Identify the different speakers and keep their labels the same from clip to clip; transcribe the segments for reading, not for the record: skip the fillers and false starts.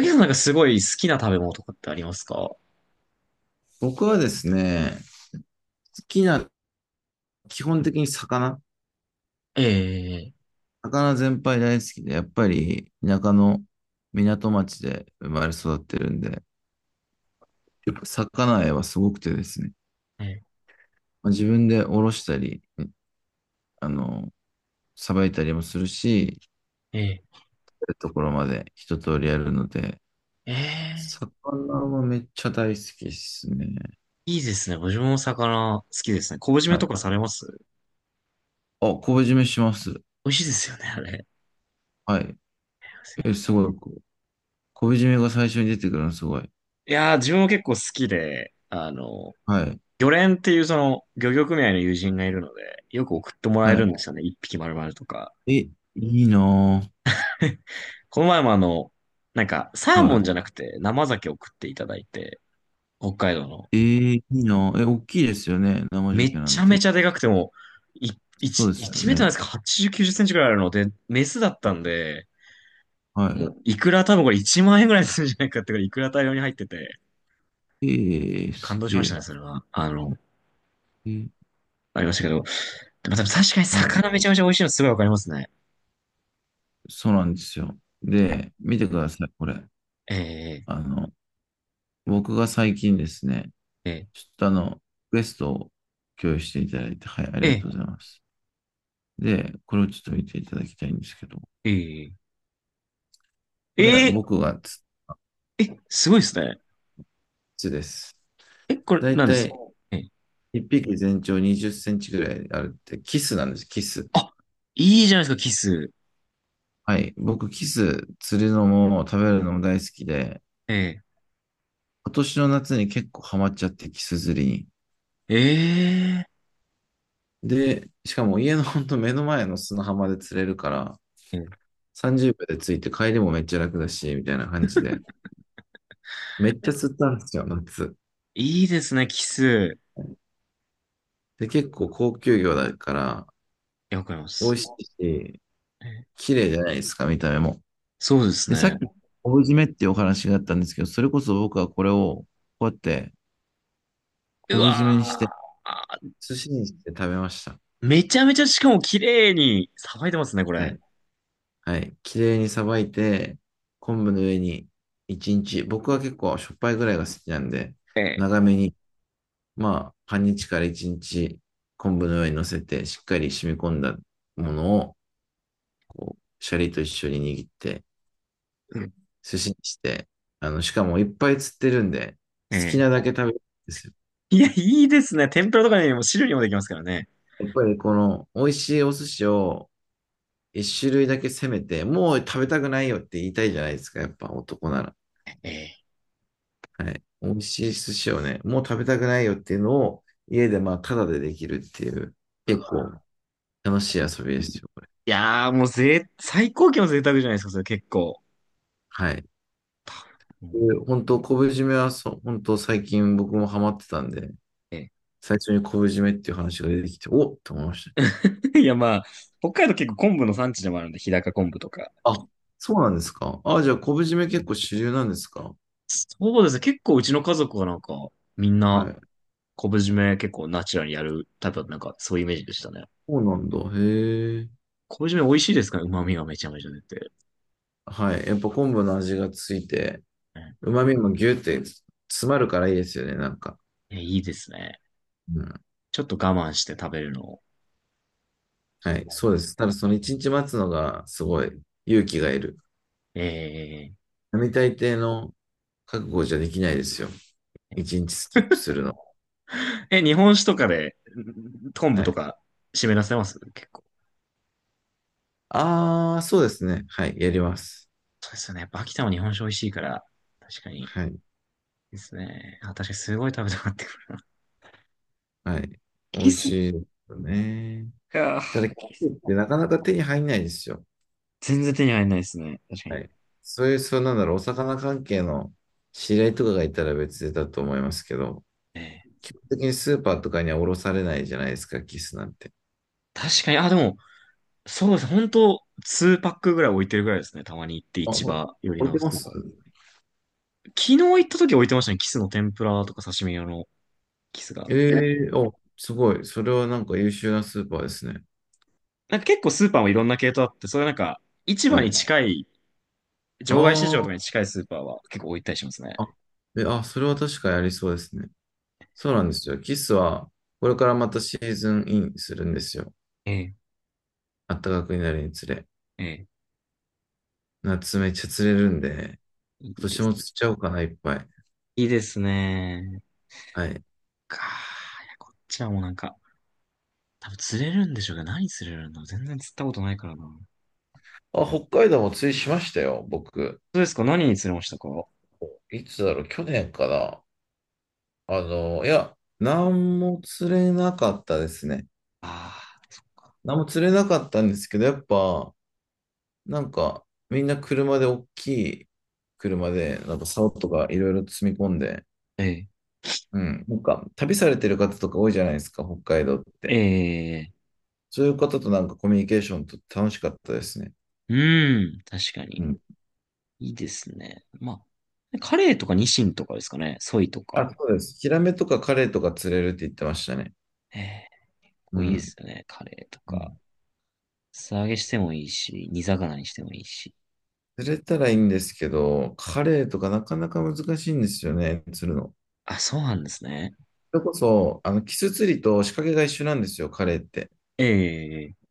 Speaker 1: ゆさんなんかすごい好きな食べ物とかってありますか？
Speaker 2: 僕はですね、好きな、基本的に魚、
Speaker 1: ええ、
Speaker 2: 魚全般大好きで、やっぱり田舎の港町で生まれ育ってるんで、やっぱ魚愛はすごくてですね、
Speaker 1: ええ、
Speaker 2: まあ、自分でおろしたり、あの、さばいたりもするし、
Speaker 1: ええ、
Speaker 2: やるところまで一通りやるので、
Speaker 1: ええ、
Speaker 2: 魚はめっちゃ大好きですね。
Speaker 1: いいですね。僕も魚好きですね。昆布締め
Speaker 2: はい。
Speaker 1: と
Speaker 2: あ、
Speaker 1: かされます？
Speaker 2: 昆布締めします。
Speaker 1: 美味しいですよね、あれ。
Speaker 2: はい。え、すごい。こう昆布締めが最初に出てくるのすごい。
Speaker 1: いやー、自分も結構好きで、
Speaker 2: はい。
Speaker 1: 漁連っていうその漁業組合の友人がいるので、よく送ってもらえ
Speaker 2: は
Speaker 1: るんですよね。一匹丸々とか。
Speaker 2: い。え、いいなぁ。
Speaker 1: この前もなんか、サーモ
Speaker 2: は
Speaker 1: ンじゃなくて生鮭を送っていただいて、北海道の。
Speaker 2: い。ええいいな。え、大きいですよね。生ジョッ
Speaker 1: め
Speaker 2: キな
Speaker 1: ち
Speaker 2: ん
Speaker 1: ゃめち
Speaker 2: て。
Speaker 1: ゃでかくても、い、
Speaker 2: そ
Speaker 1: 1、
Speaker 2: うで
Speaker 1: い
Speaker 2: すよ
Speaker 1: ちメート
Speaker 2: ね。
Speaker 1: ルなんですか？ 80、90センチくらいあるので、メスだったんで、
Speaker 2: は
Speaker 1: もういくら多分これ1万円ぐらいするんじゃないかってぐらい、いくら大量に入ってて、
Speaker 2: い。ええ
Speaker 1: 感
Speaker 2: す
Speaker 1: 動し
Speaker 2: げ
Speaker 1: ましたね、
Speaker 2: え。
Speaker 1: それは。
Speaker 2: えー
Speaker 1: ありましたけど。でも多分確かに
Speaker 2: はい。
Speaker 1: 魚めちゃめちゃ美味しいのすごいわかりますね。
Speaker 2: そうなんですよ。で、見てください、これ。
Speaker 1: え
Speaker 2: あの、僕が最近ですね、
Speaker 1: ー、え
Speaker 2: ちょっとあの、リクエストを共有していただいて、はい、あ
Speaker 1: ー、
Speaker 2: りが
Speaker 1: え
Speaker 2: とうございます。で、これをちょっと見ていただきたいんですけど、
Speaker 1: ー、えー、
Speaker 2: これ僕
Speaker 1: え
Speaker 2: が
Speaker 1: ー、え、すごいですね。
Speaker 2: 筒です。
Speaker 1: え、これ
Speaker 2: だい
Speaker 1: 何で
Speaker 2: た
Speaker 1: すか？
Speaker 2: い
Speaker 1: えー、
Speaker 2: 1匹全長20センチぐらいあるって、キスなんです、キス。
Speaker 1: あ、いいじゃないですか、キス。
Speaker 2: はい。僕、キス釣るのも食べるのも大好きで、
Speaker 1: え
Speaker 2: 今年の夏に結構ハマっちゃって、キス釣りに。
Speaker 1: ー、え
Speaker 2: で、しかも家のほんと 目の前の砂浜で釣れるから、
Speaker 1: ー、えー
Speaker 2: 30秒で着いて帰りもめっちゃ楽だし、みたいな感じで。めっちゃ釣ったんですよ、夏。
Speaker 1: いいですね、キス。
Speaker 2: で、結構高級魚だから、
Speaker 1: いや、わかりま
Speaker 2: 美
Speaker 1: す。
Speaker 2: 味しいし、
Speaker 1: えー
Speaker 2: 綺麗じゃないですか、見た目も。
Speaker 1: そうです
Speaker 2: で、さっ
Speaker 1: ね。
Speaker 2: き、昆布締めっていうお話があったんですけど、それこそ僕はこれを、こうやって、
Speaker 1: う
Speaker 2: 昆布締めにして、
Speaker 1: わ
Speaker 2: 寿司にして食べました。
Speaker 1: ー。めちゃめちゃしかも綺麗にさばいてますね、こ
Speaker 2: は
Speaker 1: れ。
Speaker 2: いはい。綺麗にさばいて、昆布の上に1日、僕は結構しょっぱいぐらいが好きなんで、
Speaker 1: ええ。
Speaker 2: 長めに、まあ、半日から1日、昆布の上に乗せて、しっかり染み込んだものを、こう、シャリと一緒に握って、
Speaker 1: うん
Speaker 2: 寿司にして、あの、しかもいっぱい釣ってるんで、好き
Speaker 1: え
Speaker 2: なだ
Speaker 1: え。
Speaker 2: け食べるんですよ。
Speaker 1: いや、いいですね。天ぷらとかにも汁にもできますからね。
Speaker 2: やっぱりこの、美味しいお寿司を一種類だけ攻めて、もう食べたくないよって言いたいじゃないですか、やっぱ男なら。
Speaker 1: ええ。
Speaker 2: はい。美味しい寿司をね、もう食べたくないよっていうのを、家でまあ、ただでできるっていう、
Speaker 1: う
Speaker 2: 結
Speaker 1: わ。
Speaker 2: 構楽しい遊びですよ、これ。
Speaker 1: いやー、もう最高級の贅沢じゃないですか、それ結構。
Speaker 2: はい。
Speaker 1: う
Speaker 2: で
Speaker 1: ん
Speaker 2: 本当、昆布締めはそう、本当最近僕もハマってたんで、
Speaker 1: え
Speaker 2: 最初に昆布締めっていう話が出てきて、おっと思いまし
Speaker 1: え いや、まあ、北海道結構昆布の産地でもあるんで、日高昆布とか。
Speaker 2: た。あ、そうなんですか。あ、じゃあ昆布締め結構主流なんですか。
Speaker 1: そうですね。結構うちの家族がなんか、みん
Speaker 2: は
Speaker 1: な、
Speaker 2: い。
Speaker 1: 昆布締め結構ナチュラルにやるタイプだったなんか、そういうイメージでしたね。
Speaker 2: そうなんだ。へえ。
Speaker 1: 昆布締め美味しいですから、旨味がめちゃめちゃ出て。
Speaker 2: はい。やっぱ昆布の味がついて、
Speaker 1: ええ
Speaker 2: 旨味もギュって詰まるからいいですよね、なんか。
Speaker 1: え、いいですね。
Speaker 2: うん
Speaker 1: ちょっと我慢して食べるのを。
Speaker 2: はい、そうです。ただその一日待つのがすごい勇気がいる。
Speaker 1: え
Speaker 2: 並大抵の覚悟じゃできないですよ。一日スキップするの。
Speaker 1: ー、え、日本酒とかで、ん昆布
Speaker 2: は
Speaker 1: と
Speaker 2: い。
Speaker 1: か湿らせます結構。
Speaker 2: ああ、そうですね。はい、やります。
Speaker 1: そうですよね。やっぱ秋田も日本酒美味しいから、確かに。いい
Speaker 2: はい、
Speaker 1: ですね。あ、確かにすごい食べたくなってくるな
Speaker 2: はい。美
Speaker 1: キ
Speaker 2: 味し
Speaker 1: ス、
Speaker 2: い
Speaker 1: い
Speaker 2: ですよね。
Speaker 1: やー
Speaker 2: ただ、キ
Speaker 1: キ
Speaker 2: ウ
Speaker 1: ス
Speaker 2: イってなかなか手に入んないですよ。
Speaker 1: 全然手に入らないですね。確か
Speaker 2: は
Speaker 1: に。
Speaker 2: い。そういう、そうなんだろう、お魚関係の知り合いとかがいたら別だと思いますけど、
Speaker 1: えー
Speaker 2: 基本的にスーパーとかには卸されないじゃないですか、キスなんて。
Speaker 1: 確かに、あ、でも、そうです。本当2パックぐらい置いてるぐらいですね。たまに行って
Speaker 2: あ、
Speaker 1: 市
Speaker 2: ほら
Speaker 1: 場寄り
Speaker 2: 置い
Speaker 1: の
Speaker 2: て
Speaker 1: ス
Speaker 2: ま
Speaker 1: ー
Speaker 2: す
Speaker 1: パー。昨日行った時置いてましたね。キスの天ぷらとか刺身用のキスが。
Speaker 2: ええーお、すごい。それはなんか優秀なスーパーですね。
Speaker 1: なんか結構スーパーもいろんな系統あって、それなんか、市場
Speaker 2: は
Speaker 1: に
Speaker 2: い。
Speaker 1: 近い、
Speaker 2: あ
Speaker 1: 場外市場と
Speaker 2: ー
Speaker 1: かに近いスーパーは結構置いたりしますね。
Speaker 2: あ、え、あ、それは確かやりそうですね。そうなんですよ。キスは、これからまたシーズンインするんですよ。
Speaker 1: ええ、
Speaker 2: 暖かくなるにつれ。
Speaker 1: ええ、
Speaker 2: 夏めっちゃ釣れるんで、
Speaker 1: い
Speaker 2: 今
Speaker 1: いで
Speaker 2: 年
Speaker 1: す。
Speaker 2: も釣っちゃおうかな、いっぱい。
Speaker 1: いいですね。
Speaker 2: はい。
Speaker 1: かいや、こっちはもうなんか、多分釣れるんでしょうけど、何釣れるの全然釣ったことないからな。
Speaker 2: あ、北海道も釣りしましたよ、僕。
Speaker 1: そうですか？何に釣れましたか？あ
Speaker 2: いつだろう、去年かな。あの、いや、何も釣れなかったですね。
Speaker 1: あー、そっか。
Speaker 2: 何も釣れなかったんですけど、やっぱ、なんか、みんな車で、大きい車で、なんか竿とかいろいろ積み込んで、
Speaker 1: ええ、
Speaker 2: うん、なんか、旅されてる方とか多いじゃないですか、北海道っ
Speaker 1: え
Speaker 2: て。
Speaker 1: え、
Speaker 2: そういう方となんかコミュニケーションとって楽しかったですね。
Speaker 1: うん、確か
Speaker 2: う
Speaker 1: に。
Speaker 2: ん。
Speaker 1: いいですね。まあ、カレーとかニシンとかですかね。ソイと
Speaker 2: あ、
Speaker 1: か。
Speaker 2: そうです。ヒラメとかカレイとか釣れるって言ってましたね。
Speaker 1: ええ、こ
Speaker 2: う
Speaker 1: ういいで
Speaker 2: ん。
Speaker 1: すよね。カレーと
Speaker 2: う
Speaker 1: か。
Speaker 2: ん
Speaker 1: 素揚げしてもいいし、煮魚にしてもいいし。
Speaker 2: 釣れたらいいんですけど、カレイとかなかなか難しいんですよね、釣るの。
Speaker 1: あ、そうなんですね。
Speaker 2: それこそ、あの、キス釣りと仕掛けが一緒なんですよ、カレイって。
Speaker 1: ええええ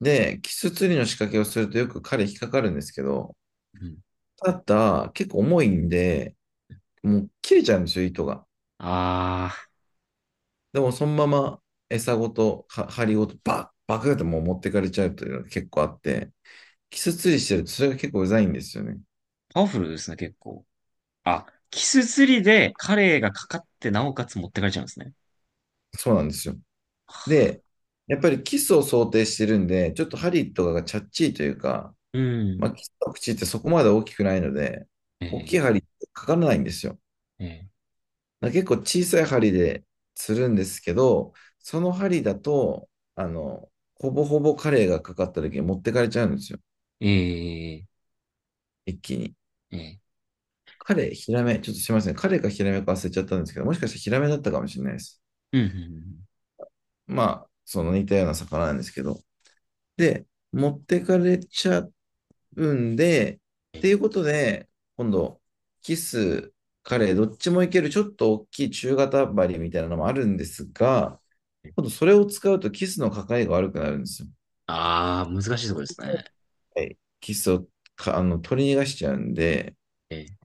Speaker 2: で、キス釣りの仕掛けをするとよくカレイ引っかかるんですけど、
Speaker 1: うん。
Speaker 2: ただ、結構重いんで、もう切れちゃうんですよ、糸が。
Speaker 1: ああ、
Speaker 2: でも、そのまま餌ごと、は針ごと、バッ、バクってもう持ってかれちゃうというのが結構あって、キス釣りしてると、それが結構うざいんですよね。
Speaker 1: パワフルですね、結構。あ、キス釣りでカレイがかかってなおかつ持ってかれちゃうんですね。
Speaker 2: そうなんですよ。で、やっぱりキスを想定してるんで、ちょっと針とかがチャッチーというか、
Speaker 1: う
Speaker 2: ま
Speaker 1: ん。
Speaker 2: あ、キスの口ってそこまで大きくないので、大きい
Speaker 1: ええ
Speaker 2: 針かからないんですよ。
Speaker 1: え
Speaker 2: ま結構小さい針で釣るんですけど、その針だと、あの、ほぼほぼカレイがかかった時に持ってかれちゃうんですよ。
Speaker 1: えええ
Speaker 2: 一気に。
Speaker 1: ええ
Speaker 2: カレイ、ヒラメ、ちょっとすいません。カレイかヒラメか忘れちゃったんですけど、もしかしたらヒラメだったかもしれないです。
Speaker 1: うん、うん
Speaker 2: まあ、その似たような魚なんですけど。で、持ってかれちゃうんで、
Speaker 1: う
Speaker 2: っ
Speaker 1: んうんえ
Speaker 2: ていう
Speaker 1: え
Speaker 2: ことで、今度、キス、カレイ、どっちもいける、ちょっと大きい中型針みたいなのもあるんですが、
Speaker 1: ええ
Speaker 2: 今度それを使うとキスのかかりが悪くなるんですよ。
Speaker 1: ああ、難しいところですね。
Speaker 2: はいキスをかあの取り逃がしちゃうんで、
Speaker 1: ええ。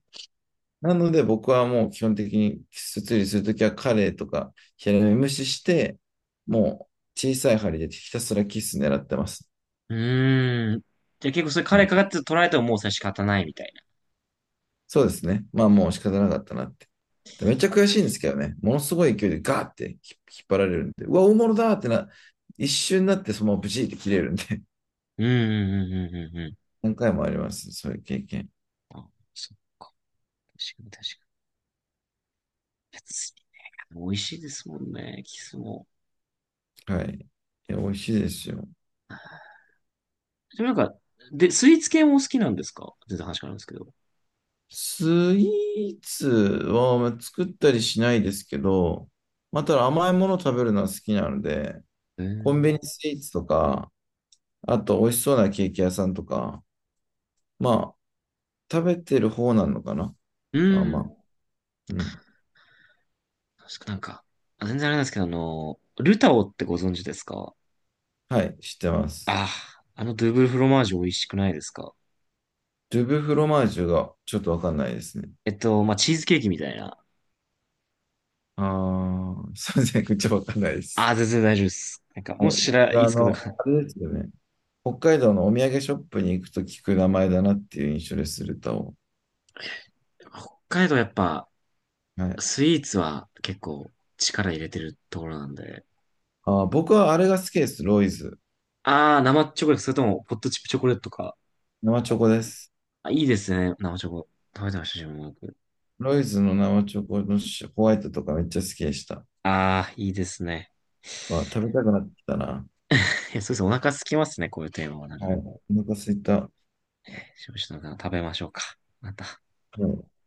Speaker 2: なので僕はもう基本的にキス釣りするときはカレーとかヒラメ無視して、もう小さい針でひたすらキス狙ってます。
Speaker 1: うーん。じゃあ結構それカ
Speaker 2: う
Speaker 1: レー
Speaker 2: ん。
Speaker 1: かかって取られてももうそれ仕方ないみたいな。
Speaker 2: そうですね。まあもう仕方なかったなって。めっちゃ悔しいんですけどね。ものすごい勢いでガーって引っ張られるんで、うわ、大物だーってな、一瞬になってそのままブチって切れるんで、
Speaker 1: うん、うん、うん、うん、うん。うん
Speaker 2: 何回もあります。そういう経験。
Speaker 1: あ、そっか。確かに確かに。美味しいですもんね、キスも。
Speaker 2: はい。いや、美味しいですよ。
Speaker 1: でもなんか、で、スイーツ系もお好きなんですか？全然話変わるんですけど。
Speaker 2: スイーツはまあ作ったりしないですけど、まあ、ただ甘いもの食べるのは好きなので、
Speaker 1: え
Speaker 2: コン
Speaker 1: ー、
Speaker 2: ビニスイーツとか、あと美味しそうなケーキ屋さんとか、まあ、食べてる方なのかな。
Speaker 1: う
Speaker 2: まあまあ、
Speaker 1: ん。
Speaker 2: うん。
Speaker 1: 確かなんか、あ全然あれなんですけど、ルタオってご存知ですか？
Speaker 2: はい、知ってます。
Speaker 1: ああ、あのドゥーブルフロマージュ美味しくないですか？
Speaker 2: ドゥブフロマージュがちょっとわかんないですね。
Speaker 1: まあ、チーズケーキみたいな。
Speaker 2: ああ、すいません、ちょっとわかんないで
Speaker 1: あ
Speaker 2: す。
Speaker 1: あ、全然大丈夫です。なんか、
Speaker 2: は
Speaker 1: も
Speaker 2: い。
Speaker 1: しら、い
Speaker 2: あ
Speaker 1: つかと
Speaker 2: の、
Speaker 1: か、
Speaker 2: あれですよね。北海道のお土産ショップに行くと聞く名前だなっていう印象ですると。
Speaker 1: 北海道やっぱ、
Speaker 2: はい
Speaker 1: スイーツは結構力入れてるところなんで。
Speaker 2: あー、僕はあれが好きです。ロイズ。
Speaker 1: ああ、生チョコレート、それとも、ポットチップチョコレートとか。
Speaker 2: 生チョコです。
Speaker 1: あ、いいですね、生チョコ。食べてました、自分もよく。
Speaker 2: ロイズの生チョコのシホワイトとかめっちゃ好きでした。
Speaker 1: ああ、いいですね。
Speaker 2: わ、食べたくなってきたな。
Speaker 1: いや、そうですね。お腹空きますね。こういうテーマはなか
Speaker 2: は
Speaker 1: な
Speaker 2: い。
Speaker 1: か。
Speaker 2: お腹すいた。は
Speaker 1: 少々の方食べましょうか。また。
Speaker 2: い